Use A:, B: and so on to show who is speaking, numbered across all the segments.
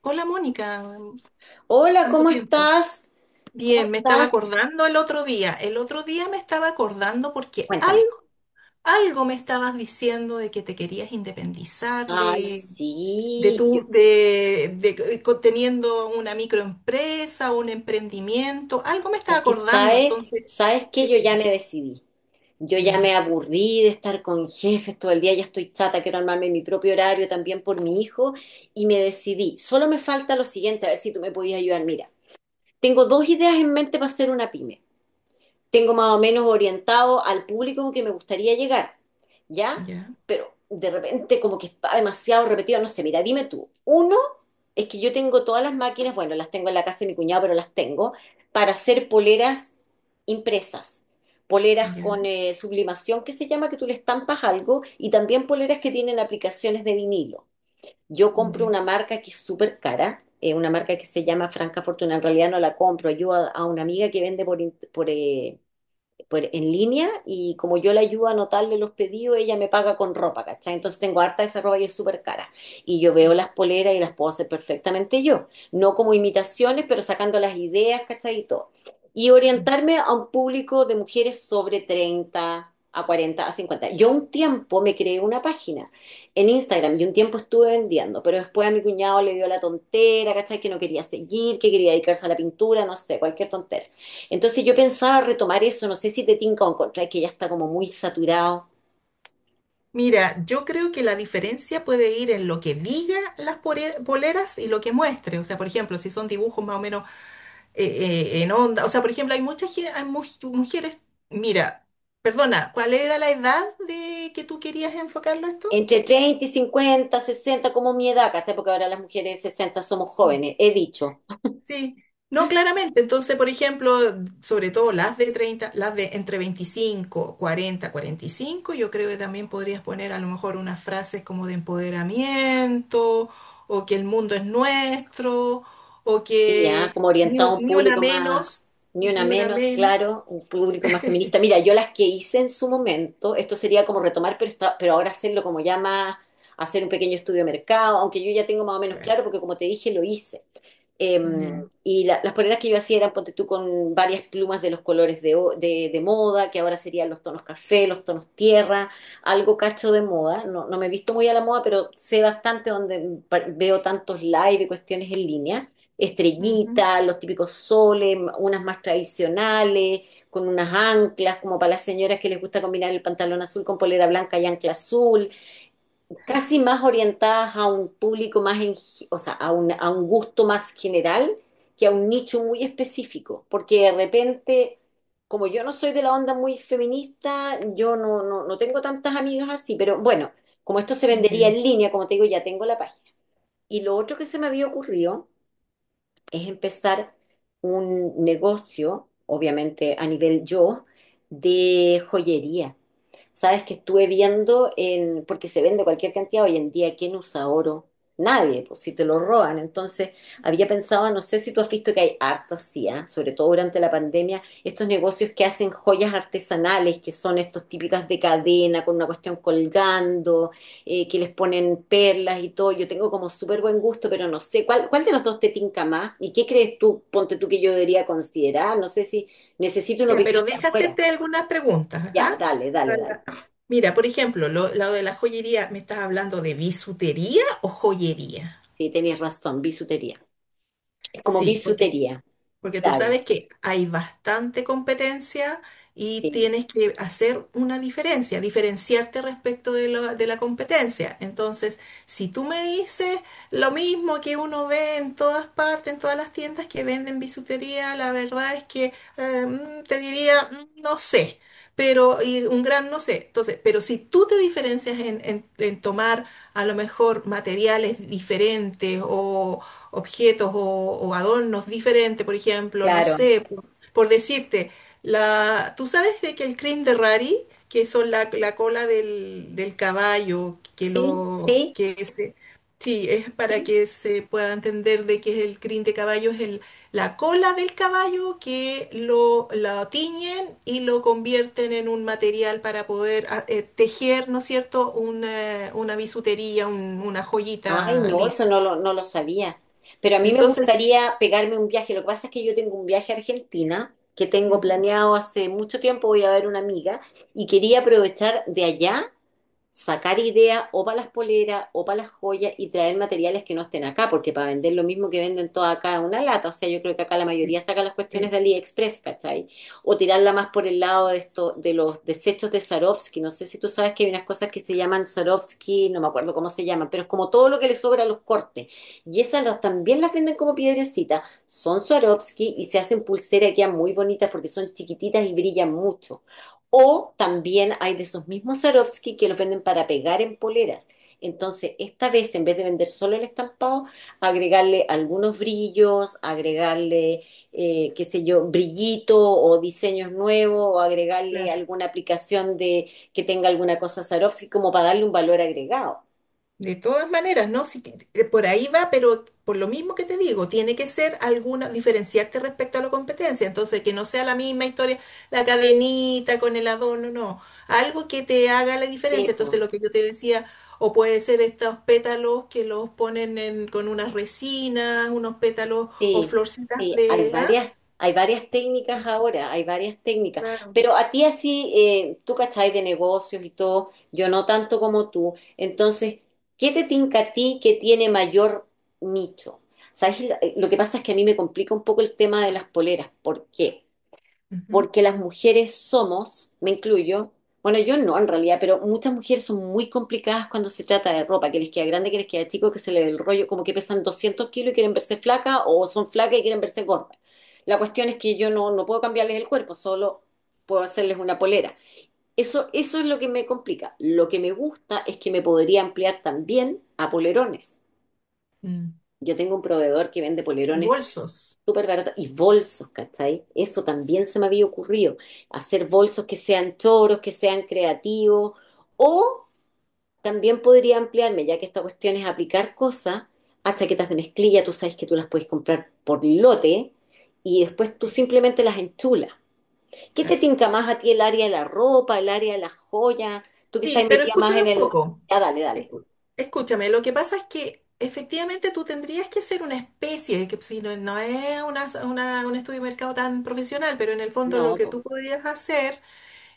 A: Hola Mónica,
B: Hola,
A: tanto
B: ¿cómo
A: tiempo.
B: estás? ¿Cómo
A: Bien, me estaba
B: estás?
A: acordando el otro día. El otro día me estaba acordando porque
B: Cuéntame.
A: algo, algo me estabas diciendo de que te querías independizar
B: Ay,
A: de
B: sí,
A: tu, de co- teniendo una microempresa, un emprendimiento. Algo me estaba
B: es que
A: acordando,
B: sabe,
A: entonces,
B: sabes que
A: sí.
B: yo ya me decidí. Yo ya
A: Ya,
B: me aburrí de estar con jefes todo el día, ya estoy chata, quiero armarme mi propio horario también por mi hijo y me decidí. Solo me falta lo siguiente, a ver si tú me podías ayudar. Mira, tengo dos ideas en mente para hacer una pyme. Tengo más o menos orientado al público que me gustaría llegar, ¿ya?
A: ya,
B: Pero de repente como que está demasiado repetido, no sé, mira, dime tú, uno es que yo tengo todas las máquinas, bueno, las tengo en la casa de mi cuñado, pero las tengo, para hacer poleras impresas. Poleras
A: ya,
B: con sublimación, que se llama que tú le estampas algo, y también poleras que tienen aplicaciones de vinilo. Yo compro
A: ya.
B: una marca que es súper cara, una marca que se llama Franca Fortuna. En realidad no la compro, yo a una amiga que vende por, in- por, por- en línea y como yo le ayudo a anotarle los pedidos, ella me paga con ropa, ¿cachai? Entonces tengo harta de esa ropa y es súper cara. Y yo veo las poleras y las puedo hacer perfectamente yo, no como imitaciones, pero sacando las ideas, ¿cachai? Y todo. Y
A: Mm.
B: orientarme a un público de mujeres sobre 30 a 40, a 50. Yo un tiempo me creé una página en Instagram y un tiempo estuve vendiendo, pero después a mi cuñado le dio la tontera, ¿cachai? Que no quería seguir, que quería dedicarse a la pintura, no sé, cualquier tontera. Entonces yo pensaba retomar eso, no sé si te tinca o encontráis que ya está como muy saturado.
A: Mira, yo creo que la diferencia puede ir en lo que diga las poleras y lo que muestre. O sea, por ejemplo, si son dibujos más o menos en onda. O sea, por ejemplo, hay mujeres. Mira, perdona, ¿cuál era la edad de que tú querías enfocarlo a esto?
B: Entre 30 y 50, 60 como mi edad, ¿cachai? Porque ahora las mujeres de 60 somos
A: Mm.
B: jóvenes, he dicho.
A: Sí. No, claramente. Entonces, por ejemplo, sobre todo las de treinta, las de entre 25, 40, 45, yo creo que también podrías poner a lo mejor unas frases como de empoderamiento, o que el mundo es nuestro, o
B: Y ah,
A: que
B: como
A: ni,
B: orientado
A: un-
B: a un
A: ni una
B: público más,
A: menos,
B: ni una
A: ni una
B: menos,
A: menos.
B: claro, un público más feminista. Mira, yo las que hice en su momento, esto sería como retomar, pero, pero ahora hacerlo como ya más, hacer un pequeño estudio de mercado, aunque yo ya tengo más o menos
A: Claro.
B: claro, porque como te dije, lo hice. Eh,
A: Ya.
B: y las poleras que yo hacía eran, ponte tú, con varias plumas de los colores de moda, que ahora serían los tonos café, los tonos tierra, algo cacho de moda. No, no me he visto muy a la moda, pero sé bastante donde pa- veo tantos live y cuestiones en línea,
A: Ujú.
B: estrellitas, los típicos soles, unas más tradicionales, con unas anclas, como para las señoras que les gusta combinar el pantalón azul con polera blanca y ancla azul, casi más orientadas a un público más, o sea, a un gusto más general que a un nicho muy específico, porque de repente, como yo no soy de la onda muy feminista, yo no tengo tantas amigas así, pero bueno, como esto se vendería
A: Ya.
B: en línea, como te digo, ya tengo la página. Y lo otro que se me había ocurrido es empezar un negocio, obviamente a nivel yo, de joyería. Sabes que estuve viendo en, porque se vende cualquier cantidad hoy en día, ¿quién usa oro? Nadie, pues si te lo roban. Entonces, había pensado, no sé si tú has visto que hay harto así, ¿ah? Sobre todo durante la pandemia, estos negocios que hacen joyas artesanales, que son estos típicas de cadena, con una cuestión colgando, que les ponen perlas y todo. Yo tengo como súper buen gusto, pero no sé, ¿cuál, cuál de los dos te tinca más? ¿Y qué crees tú, ponte tú, que yo debería considerar? No sé si necesito una
A: Ya,
B: opinión
A: pero
B: de
A: deja
B: afuera.
A: hacerte algunas preguntas,
B: Ya,
A: ajá.
B: dale, dale, dale.
A: Para- Mira, por ejemplo, lo de la joyería, ¿me estás hablando de bisutería o joyería?
B: Sí, tenéis razón, bisutería. Es como
A: Sí, porque,
B: bisutería,
A: porque tú
B: claro.
A: sabes que hay bastante competencia y
B: Sí,
A: tienes que hacer una diferencia, diferenciarte respecto de la competencia. Entonces, si tú me dices lo mismo que uno ve en todas partes, en todas las tiendas que venden bisutería, la verdad es que te diría, no sé, pero y un gran no sé. Entonces, pero si tú te diferencias en tomar a lo mejor materiales diferentes, objetos o adornos diferentes, por ejemplo, no
B: claro.
A: sé, por decirte, tú sabes de que el crin de Rari, que son la cola del caballo, que
B: Sí,
A: lo,
B: sí,
A: que se, sí, es para
B: sí.
A: que se pueda entender de que es el crin de caballo, es la cola del caballo que la tiñen y lo convierten en un material para poder tejer, ¿no es cierto?, una bisutería, una
B: Ay,
A: joyita
B: no,
A: linda.
B: eso no lo sabía. Pero a mí me
A: Entonces,
B: gustaría pegarme un viaje. Lo que pasa es que yo tengo un viaje a Argentina que tengo planeado hace mucho tiempo. Voy a ver una amiga y quería aprovechar de allá sacar ideas o para las poleras o para las joyas y traer materiales que no estén acá, porque para vender lo mismo que venden todas acá es una lata. O sea, yo creo que acá la mayoría
A: sí,
B: saca las cuestiones
A: sí,
B: de AliExpress, ¿cachai? O tirarla más por el lado de esto, de los desechos de Swarovski. No sé si tú sabes que hay unas cosas que se llaman Swarovski, no me acuerdo cómo se llaman, pero es como todo lo que le sobra a los cortes. Y esas también las venden como piedrecitas. Son Swarovski y se hacen pulseras que quedan muy bonitas porque son chiquititas y brillan mucho. O también hay de esos mismos Swarovski que los venden para pegar en poleras. Entonces, esta vez, en vez de vender solo el estampado, agregarle algunos brillos, agregarle, qué sé yo, brillito o diseños nuevos, o agregarle
A: claro.
B: alguna aplicación de que tenga alguna cosa Swarovski, como para darle un valor agregado.
A: De todas maneras, ¿no? Por ahí va, pero por lo mismo que te digo, tiene que ser alguna, diferenciarte respecto a la competencia. Entonces, que no sea la misma historia, la cadenita con el adorno, no. Algo que te haga la diferencia.
B: Sí,
A: Entonces,
B: po.
A: lo que yo te decía, o puede ser estos pétalos que los ponen con unas resinas, unos pétalos o
B: Sí,
A: florcitas
B: sí,
A: de ¿ah?
B: hay varias técnicas ahora, hay varias técnicas.
A: Claro.
B: Pero a ti así, tú cachai de negocios y todo, yo no tanto como tú. Entonces, ¿qué te tinca a ti que tiene mayor nicho? ¿Sabes? Lo que pasa es que a mí me complica un poco el tema de las poleras. ¿Por qué?
A: Ujú.
B: Porque las mujeres somos, me incluyo, bueno, yo no en realidad, pero muchas mujeres son muy complicadas cuando se trata de ropa, que les queda grande, que les queda chico, que se le ve el rollo, como que pesan 200 kilos y quieren verse flaca o son flacas y quieren verse gordas. La cuestión es que yo no puedo cambiarles el cuerpo, solo puedo hacerles una polera. Eso es lo que me complica. Lo que me gusta es que me podría ampliar también a polerones.
A: Mm.
B: Yo tengo un proveedor que vende
A: Y
B: polerones
A: bolsos.
B: súper barato. Y bolsos, ¿cachai? Eso también se me había ocurrido. Hacer bolsos que sean choros, que sean creativos. O también podría ampliarme, ya que esta cuestión es aplicar cosas a chaquetas de mezclilla. Tú sabes que tú las puedes comprar por lote y después tú
A: Sí,
B: simplemente las enchulas. ¿Qué te
A: claro.
B: tinca más a ti el área de la ropa, el área de las joyas? Tú que estás
A: Sí, pero
B: metida más
A: escúchame
B: en
A: un
B: el...
A: poco.
B: Ah, dale, dale.
A: Escu- Escúchame, lo que pasa es que efectivamente tú tendrías que hacer una especie, que si no, no es un estudio de mercado tan profesional, pero en el fondo lo
B: No,
A: que
B: pues,
A: tú podrías hacer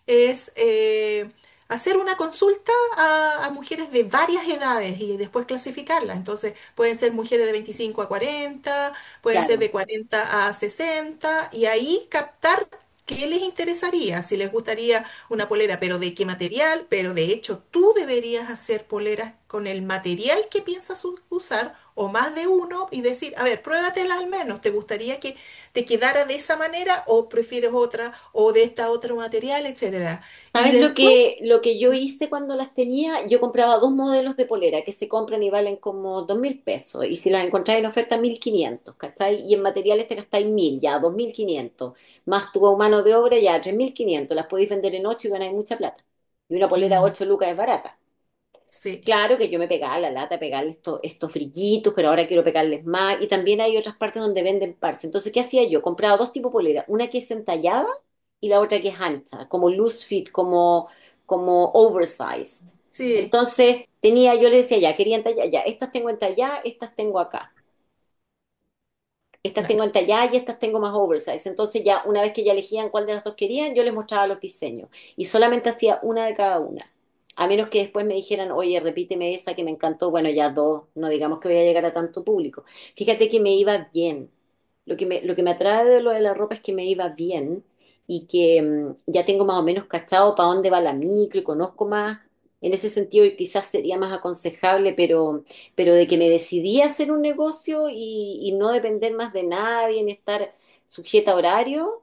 A: es hacer una consulta a mujeres de varias edades y después clasificarlas. Entonces, pueden ser mujeres de 25 a cuarenta, pueden ser
B: claro.
A: de 40 a sesenta, y ahí captar qué les interesaría, si les gustaría una polera, pero de qué material, pero de hecho tú deberías hacer poleras con el material que piensas usar o más de uno y decir, a ver, pruébatelas al menos, ¿te gustaría que te quedara de esa manera o prefieres otra o de esta otro material, etcétera? Y
B: ¿Sabes lo
A: después,
B: que, lo que yo hice cuando las tenía? Yo compraba dos modelos de polera que se compran y valen como 2.000 pesos. Y si las encontráis en oferta, 1.500, ¿cachai? Y en materiales te gastáis 1.000 ya, 2.500. Más tu mano de obra, ya, 3.500. Las podéis vender en 8 y ganáis mucha plata. Y una polera a
A: mm,
B: 8 lucas es barata.
A: sí,
B: Claro que yo me pegaba la lata, pegarle estos, estos frillitos, pero ahora quiero pegarles más. Y también hay otras partes donde venden parches. Entonces, ¿qué hacía yo? Compraba dos tipos de polera, una que es entallada y la otra que es ancha, como loose fit, como, como oversized.
A: sí,
B: Entonces, tenía, yo le decía, ya, quería entallar, ya, estas tengo entalladas, estas tengo acá, estas tengo
A: claro,
B: entalladas y estas tengo más oversize. Entonces ya una vez que ya elegían cuál de las dos querían, yo les mostraba los diseños y solamente hacía una de cada una. A menos que después me dijeran, oye, repíteme esa que me encantó, bueno, ya dos, no digamos que voy a llegar a tanto público. Fíjate que me iba bien. Lo que me atrae de lo de la ropa es que me iba bien y que ya tengo más o menos cachado para dónde va la micro y conozco más. En ese sentido, y quizás sería más aconsejable, pero de que me decidí a hacer un negocio y no depender más de nadie, en estar sujeta a horario,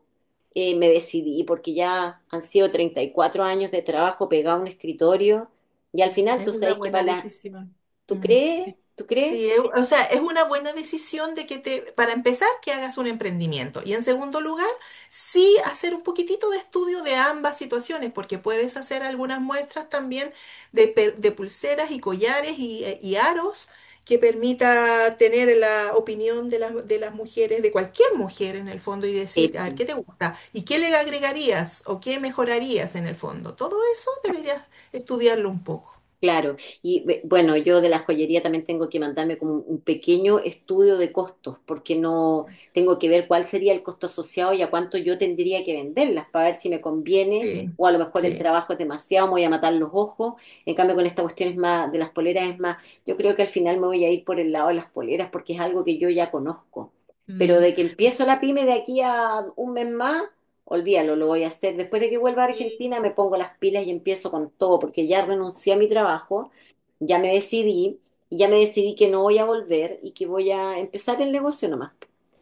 B: me decidí porque ya han sido 34 años de trabajo pegado a un escritorio y al final
A: es
B: tú
A: una
B: sabes que para
A: buena
B: la,
A: decisión.
B: ¿tú
A: Mm.
B: crees? ¿Tú crees?
A: Sí, o sea, es una buena decisión de que te, para empezar, que hagas un emprendimiento. Y en segundo lugar, sí hacer un poquitito de estudio de ambas situaciones, porque puedes hacer algunas muestras también de pulseras y collares y aros que permita tener la opinión de de las mujeres, de cualquier mujer en el fondo, y
B: Eh,
A: decir, a ver, ¿qué te gusta? ¿Y qué le agregarías o qué mejorarías en el fondo? Todo eso deberías estudiarlo un poco.
B: Claro, y bueno, yo de la joyería también tengo que mandarme como un pequeño estudio de costos, porque no tengo que ver cuál sería el costo asociado y a cuánto yo tendría que venderlas para ver si me conviene
A: Sí,
B: o a lo mejor el
A: sí.
B: trabajo es demasiado, me voy a matar los ojos. En cambio, con esta cuestión es más, de las poleras es más, yo creo que al final me voy a ir por el lado de las poleras porque es algo que yo ya conozco. Pero
A: Mm.
B: de que empiezo la pyme de aquí a un mes más, olvídalo, lo voy a hacer. Después de que vuelva a
A: Sí.
B: Argentina, me pongo las pilas y empiezo con todo, porque ya renuncié a mi trabajo, ya me decidí, y ya me decidí que no voy a volver y que voy a empezar el negocio nomás.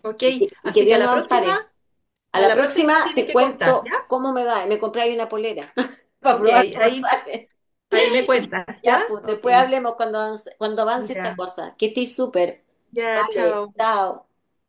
A: Ok,
B: Y que
A: así que
B: Dios nos ampare. A
A: a
B: la
A: la próxima me
B: próxima
A: tienes
B: te
A: que contar, ¿ya?
B: cuento cómo me va. Me compré ahí una polera para
A: Ok,
B: probar cómo
A: ahí,
B: sale.
A: ahí me cuentas, ¿ya?
B: Ya, pues
A: Ok,
B: después hablemos cuando avance esta
A: ya,
B: cosa. Que estés súper.
A: ya,
B: Vale,
A: chao.
B: chao.